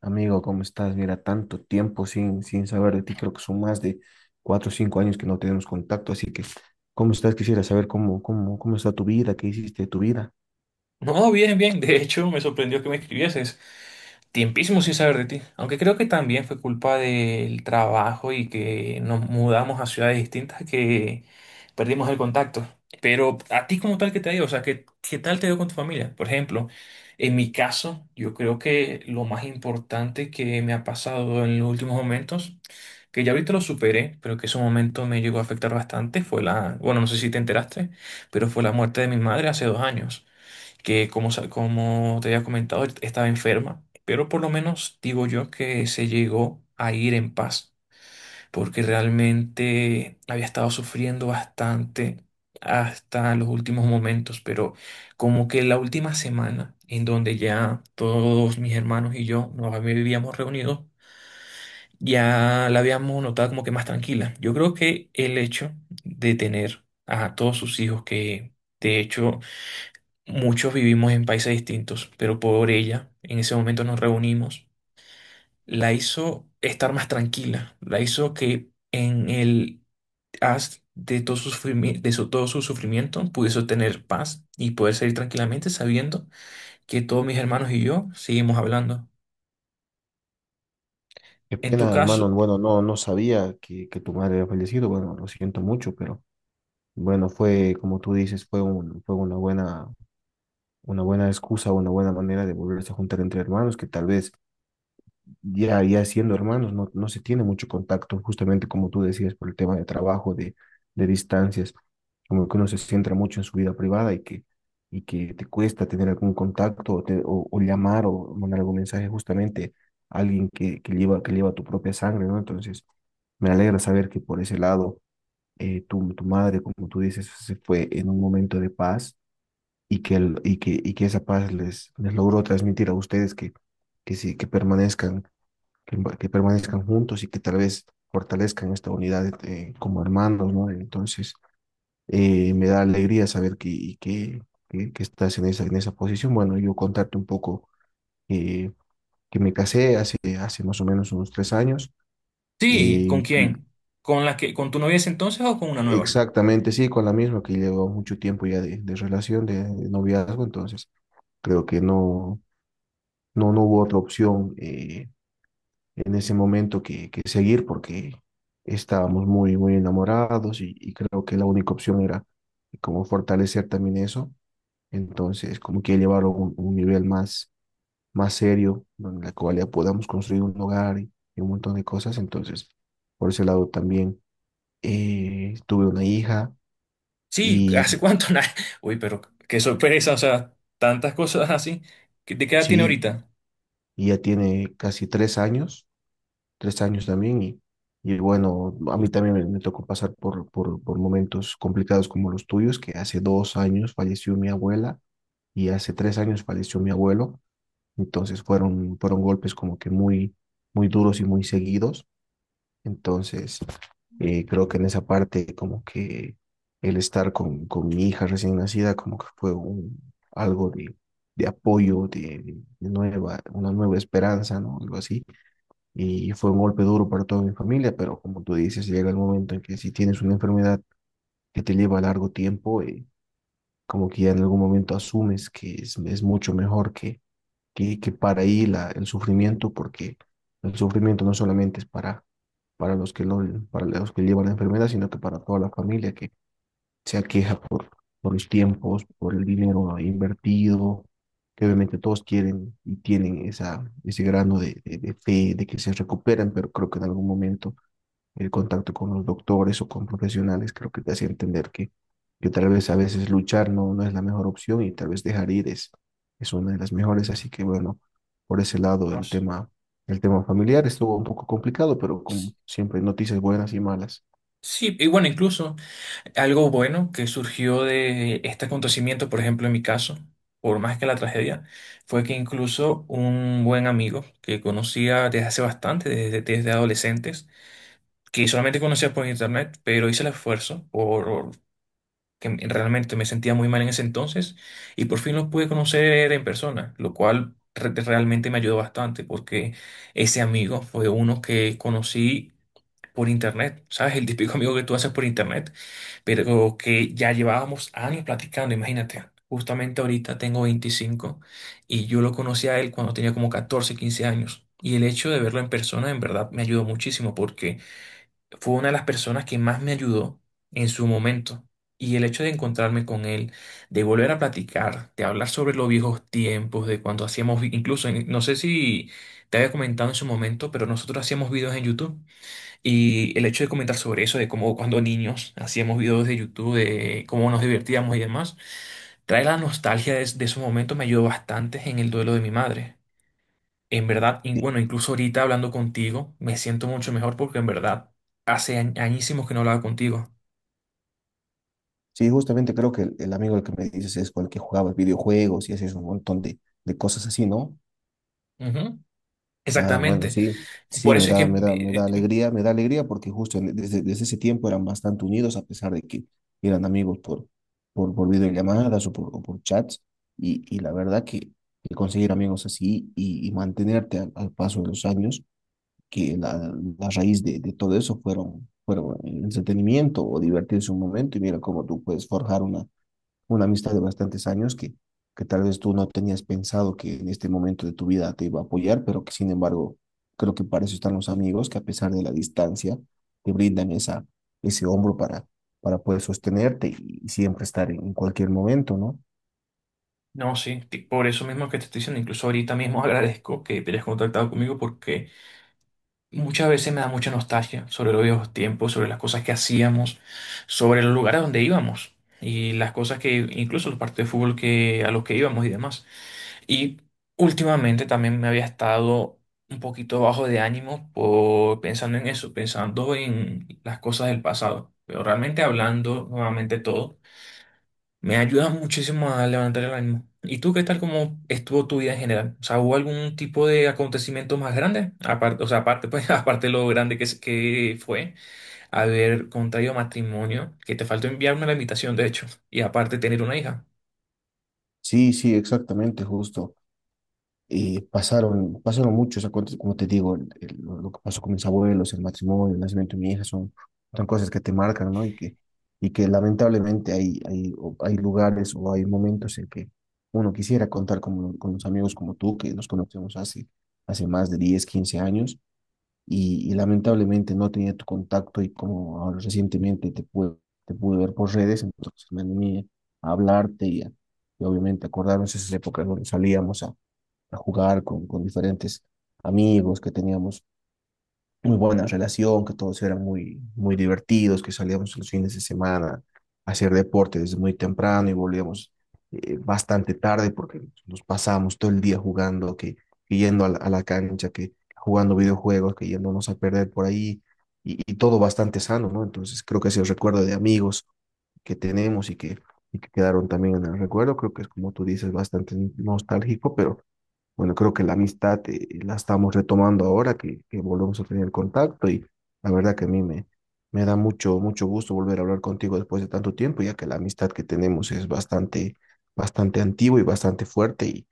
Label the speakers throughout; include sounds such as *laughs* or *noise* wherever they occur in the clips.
Speaker 1: Amigo, ¿cómo estás? Mira, tanto tiempo sin saber de ti, creo que son más de 4 o 5 años que no tenemos contacto, así que, ¿cómo estás? Quisiera saber cómo está tu vida, qué hiciste de tu vida.
Speaker 2: No, bien, bien. De hecho, me sorprendió que me escribieses. Tiempísimo sin saber de ti. Aunque creo que también fue culpa del trabajo y que nos mudamos a ciudades distintas que perdimos el contacto. Pero a ti como tal, ¿qué te ha ido? O sea, ¿qué, qué tal te dio con tu familia? Por ejemplo, en mi caso, yo creo que lo más importante que me ha pasado en los últimos momentos, que ya ahorita lo superé, pero que ese momento me llegó a afectar bastante, fue la, bueno, no sé si te enteraste, pero fue la muerte de mi madre hace 2 años que como, como te había comentado, estaba enferma, pero por lo menos digo yo que se llegó a ir en paz, porque realmente había estado sufriendo bastante hasta los últimos momentos, pero como que la última semana en donde ya todos mis hermanos y yo nos habíamos reunido, ya la habíamos notado como que más tranquila. Yo creo que el hecho de tener a todos sus hijos que... De hecho, muchos vivimos en países distintos, pero por ella, en ese momento nos reunimos. La hizo estar más tranquila, la hizo que en el haz de todo su todo su sufrimiento pudiese tener paz y poder salir tranquilamente sabiendo que todos mis hermanos y yo seguimos hablando.
Speaker 1: Qué
Speaker 2: En tu
Speaker 1: pena,
Speaker 2: caso,
Speaker 1: hermano, bueno, no sabía que tu madre había fallecido, bueno, lo siento mucho, pero bueno, fue, como tú dices, fue una una buena excusa, una buena manera de volverse a juntar entre hermanos, que tal vez ya siendo hermanos, no se tiene mucho contacto, justamente como tú decías, por el tema de trabajo, de distancias, como que uno se centra mucho en su vida privada y que te cuesta tener algún contacto o llamar o mandar algún mensaje justamente a alguien que lleva tu propia sangre, ¿no? Entonces, me alegra saber que por ese lado, tu madre, como tú dices, se fue en un momento de paz y que, el, y que esa paz les logró transmitir a ustedes sí, que permanezcan juntos y que tal vez fortalezcan esta unidad como hermanos, ¿no? Entonces, me da alegría saber que, que estás en esa posición. Bueno, yo contarte un poco eh, que me casé hace más o menos unos 3 años.
Speaker 2: sí, ¿con
Speaker 1: eh,
Speaker 2: quién? ¿Con la que, con tu novia de ese entonces o con una nueva?
Speaker 1: Exactamente, sí, con la misma que llevo mucho tiempo ya de relación, de noviazgo, entonces creo que no hubo otra opción. En ese momento que seguir porque estábamos muy, muy enamorados y creo que la única opción era como fortalecer también eso. Entonces, como que llevarlo a un nivel más, más serio, donde la cual ya podamos construir un hogar y un montón de cosas. Entonces, por ese lado también tuve una hija
Speaker 2: Sí, ¿hace
Speaker 1: y
Speaker 2: cuánto? *laughs* Nah. Uy, pero qué sorpresa, o sea, tantas cosas así. ¿Qué- ¿De qué edad tiene
Speaker 1: sí,
Speaker 2: ahorita?
Speaker 1: ya tiene casi 3 años 3 años también y bueno, a mí también me tocó pasar por momentos complicados como los tuyos, que hace 2 años falleció mi abuela y hace 3 años falleció mi abuelo, entonces fueron, fueron golpes como que muy, muy duros y muy seguidos, entonces creo que en esa parte como que el estar con mi hija recién nacida como que fue un, algo de apoyo, de nueva, una nueva esperanza, ¿no? Algo así. Y fue un golpe duro para toda mi familia, pero como tú dices, llega el momento en que si tienes una enfermedad que te lleva largo tiempo, como que ya en algún momento asumes que es mucho mejor que para ahí el sufrimiento, porque el sufrimiento no solamente es para los que lo, para los que llevan la enfermedad, sino que para toda la familia que se aqueja por los tiempos, por el dinero invertido, que obviamente todos quieren y tienen esa, ese grano de fe de que se recuperan, pero creo que en algún momento el contacto con los doctores o con profesionales, creo que te hace entender que tal vez a veces luchar no es la mejor opción y tal vez dejar ir es una de las mejores. Así que bueno, por ese lado
Speaker 2: No sé.
Speaker 1: el tema familiar estuvo un poco complicado, pero como siempre, noticias buenas y malas.
Speaker 2: Sí, y bueno, incluso algo bueno que surgió de este acontecimiento, por ejemplo, en mi caso, por más que la tragedia, fue que incluso un buen amigo que conocía desde hace bastante, desde, desde adolescentes, que solamente conocía por internet, pero hice el esfuerzo por que realmente me sentía muy mal en ese entonces y por fin lo pude conocer en persona, lo cual realmente me ayudó bastante porque ese amigo fue uno que conocí por internet, ¿sabes? El típico amigo que tú haces por internet pero que ya llevábamos años platicando, imagínate. Justamente ahorita tengo 25 y yo lo conocí a él cuando tenía como 14, 15 años. Y el hecho de verlo en persona en verdad me ayudó muchísimo porque fue una de las personas que más me ayudó en su momento. Y el hecho de encontrarme con él, de volver a platicar, de hablar sobre los viejos tiempos, de cuando hacíamos, incluso, no sé si te había comentado en su momento, pero nosotros hacíamos videos en YouTube. Y el hecho de comentar sobre eso, de cómo cuando niños hacíamos videos de YouTube, de cómo nos divertíamos y demás, trae la nostalgia de esos momentos, me ayudó bastante en el duelo de mi madre. En verdad, y
Speaker 1: Sí,
Speaker 2: bueno, incluso ahorita hablando contigo, me siento mucho mejor porque en verdad hace añísimos que no hablaba contigo.
Speaker 1: sí, justamente creo que el amigo al que me dices es con el que jugaba videojuegos y hacías un montón de cosas así, ¿no?
Speaker 2: Ujú,
Speaker 1: Ah, bueno,
Speaker 2: exactamente.
Speaker 1: sí, sí,
Speaker 2: Por eso es que,
Speaker 1: me da alegría porque desde, desde ese tiempo eran bastante unidos a pesar de que eran amigos por videollamadas o o por chats y la verdad que conseguir amigos así y mantenerte al paso de los años, que la raíz de todo eso fueron, fueron el entretenimiento o divertirse un momento y mira cómo tú puedes forjar una amistad de bastantes años que tal vez tú no tenías pensado que en este momento de tu vida te iba a apoyar, pero que sin embargo creo que para eso están los amigos, que a pesar de la distancia te brindan esa, ese hombro para poder sostenerte y siempre estar en cualquier momento, ¿no?
Speaker 2: no, sí, que por eso mismo que te estoy diciendo, incluso ahorita mismo *laughs* agradezco que te hayas contactado conmigo porque muchas veces me da mucha nostalgia sobre los viejos tiempos, sobre las cosas que hacíamos, sobre los lugares donde íbamos y las cosas que, incluso los partidos de fútbol que, a los que íbamos y demás. Y últimamente también me había estado un poquito bajo de ánimo por, pensando en eso, pensando en las cosas del pasado. Pero realmente hablando nuevamente todo. Me ayuda muchísimo a levantar el ánimo. ¿Y tú qué tal como estuvo tu vida en general? O sea, ¿hubo algún tipo de acontecimiento más grande? Aparte, o sea, aparte, pues, *laughs* aparte de lo grande que, que fue haber contraído matrimonio, que te faltó enviarme la invitación, de hecho, y aparte tener una hija.
Speaker 1: Sí, sí, exactamente, justo. Y pasaron, pasaron muchos, como te digo, lo que pasó con mis abuelos, el matrimonio, el nacimiento de mi hija, son, son cosas que te marcan, ¿no? Y que lamentablemente hay lugares o hay momentos en que uno quisiera contar con los amigos como tú, que nos conocemos hace más de 10 15 años, y lamentablemente no tenía tu contacto y como ahora recientemente te pude ver por redes, entonces me animé a hablarte y obviamente acordarnos esas épocas donde salíamos a jugar con diferentes amigos, que teníamos muy buena relación, que todos eran muy, muy divertidos, que salíamos los fines de semana a hacer deporte desde muy temprano y volvíamos bastante tarde porque nos pasábamos todo el día jugando, que yendo a a la cancha, que jugando videojuegos, que yéndonos a perder por ahí y todo bastante sano, ¿no? Entonces creo que ese recuerdo de amigos que tenemos y y que quedaron también en el recuerdo, creo que es como tú dices, bastante nostálgico, pero bueno, creo que la amistad la estamos retomando ahora que volvemos a tener contacto y la verdad que a me da mucho, mucho gusto volver a hablar contigo después de tanto tiempo, ya que la amistad que tenemos es bastante, bastante antigua y bastante fuerte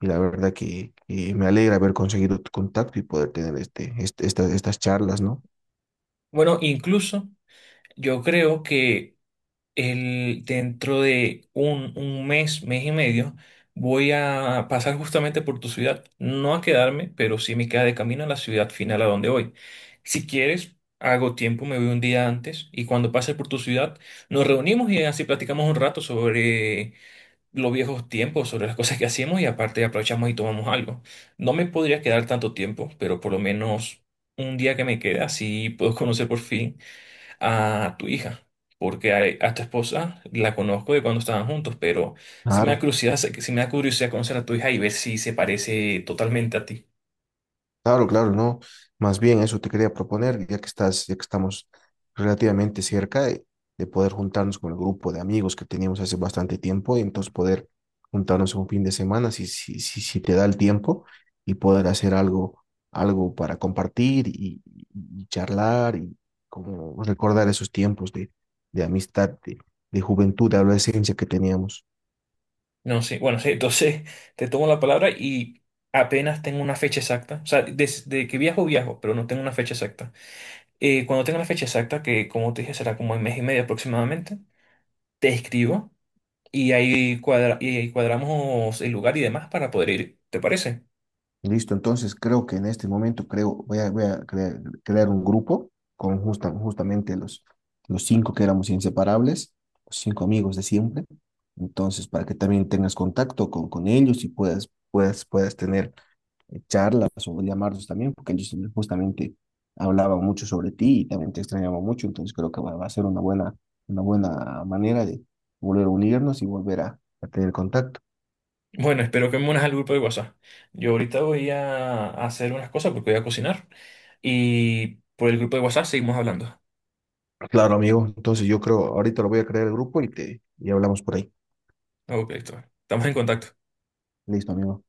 Speaker 1: y la verdad que me alegra haber conseguido tu contacto y poder tener estas charlas, ¿no?
Speaker 2: Bueno, incluso yo creo que el, dentro de un mes, mes y medio, voy a pasar justamente por tu ciudad. No a quedarme, pero sí me queda de camino a la ciudad final a donde voy. Si quieres, hago tiempo, me voy un día antes y cuando pase por tu ciudad, nos reunimos y así platicamos un rato sobre los viejos tiempos, sobre las cosas que hacíamos y aparte aprovechamos y tomamos algo. No me podría quedar tanto tiempo, pero por lo menos un día que me queda, así puedo conocer por fin a tu hija, porque a tu esposa la conozco de cuando estaban juntos, pero sí me da
Speaker 1: Claro.
Speaker 2: curiosidad, sí me da curiosidad conocer a tu hija y ver si se parece totalmente a ti.
Speaker 1: Claro, claro, no. Más bien eso te quería proponer, ya que estás, ya que estamos relativamente cerca de poder juntarnos con el grupo de amigos que teníamos hace bastante tiempo y entonces poder juntarnos un fin de semana si te da el tiempo y poder hacer algo, algo para compartir y charlar y como recordar esos tiempos de amistad, de juventud, de adolescencia que teníamos.
Speaker 2: No sé, bueno, *laughs* sí, entonces te tomo la palabra y apenas tengo una fecha exacta, o sea, desde que viajo, viajo, pero no tengo una fecha exacta. Cuando tenga la fecha exacta, que como te dije será como en mes y medio aproximadamente, te escribo y ahí, y ahí cuadramos el lugar y demás para poder ir. ¿Te parece?
Speaker 1: Listo, entonces creo que en este momento creo, voy a crear un grupo con justamente los cinco que éramos inseparables, los cinco amigos de siempre. Entonces, para que también tengas contacto con ellos y puedas tener charlas o llamarlos también, porque ellos justamente hablaban mucho sobre ti y también te extrañaban mucho. Entonces, creo que va a ser una buena manera de volver a unirnos y volver a tener contacto.
Speaker 2: Bueno, espero que me unas al grupo de WhatsApp. Yo ahorita voy a hacer unas cosas porque voy a cocinar. Y por el grupo de WhatsApp seguimos hablando.
Speaker 1: Claro, amigo. Entonces yo creo, ahorita lo voy a crear el grupo y te y hablamos por ahí.
Speaker 2: Ok, listo. Estamos en contacto.
Speaker 1: Listo, amigo.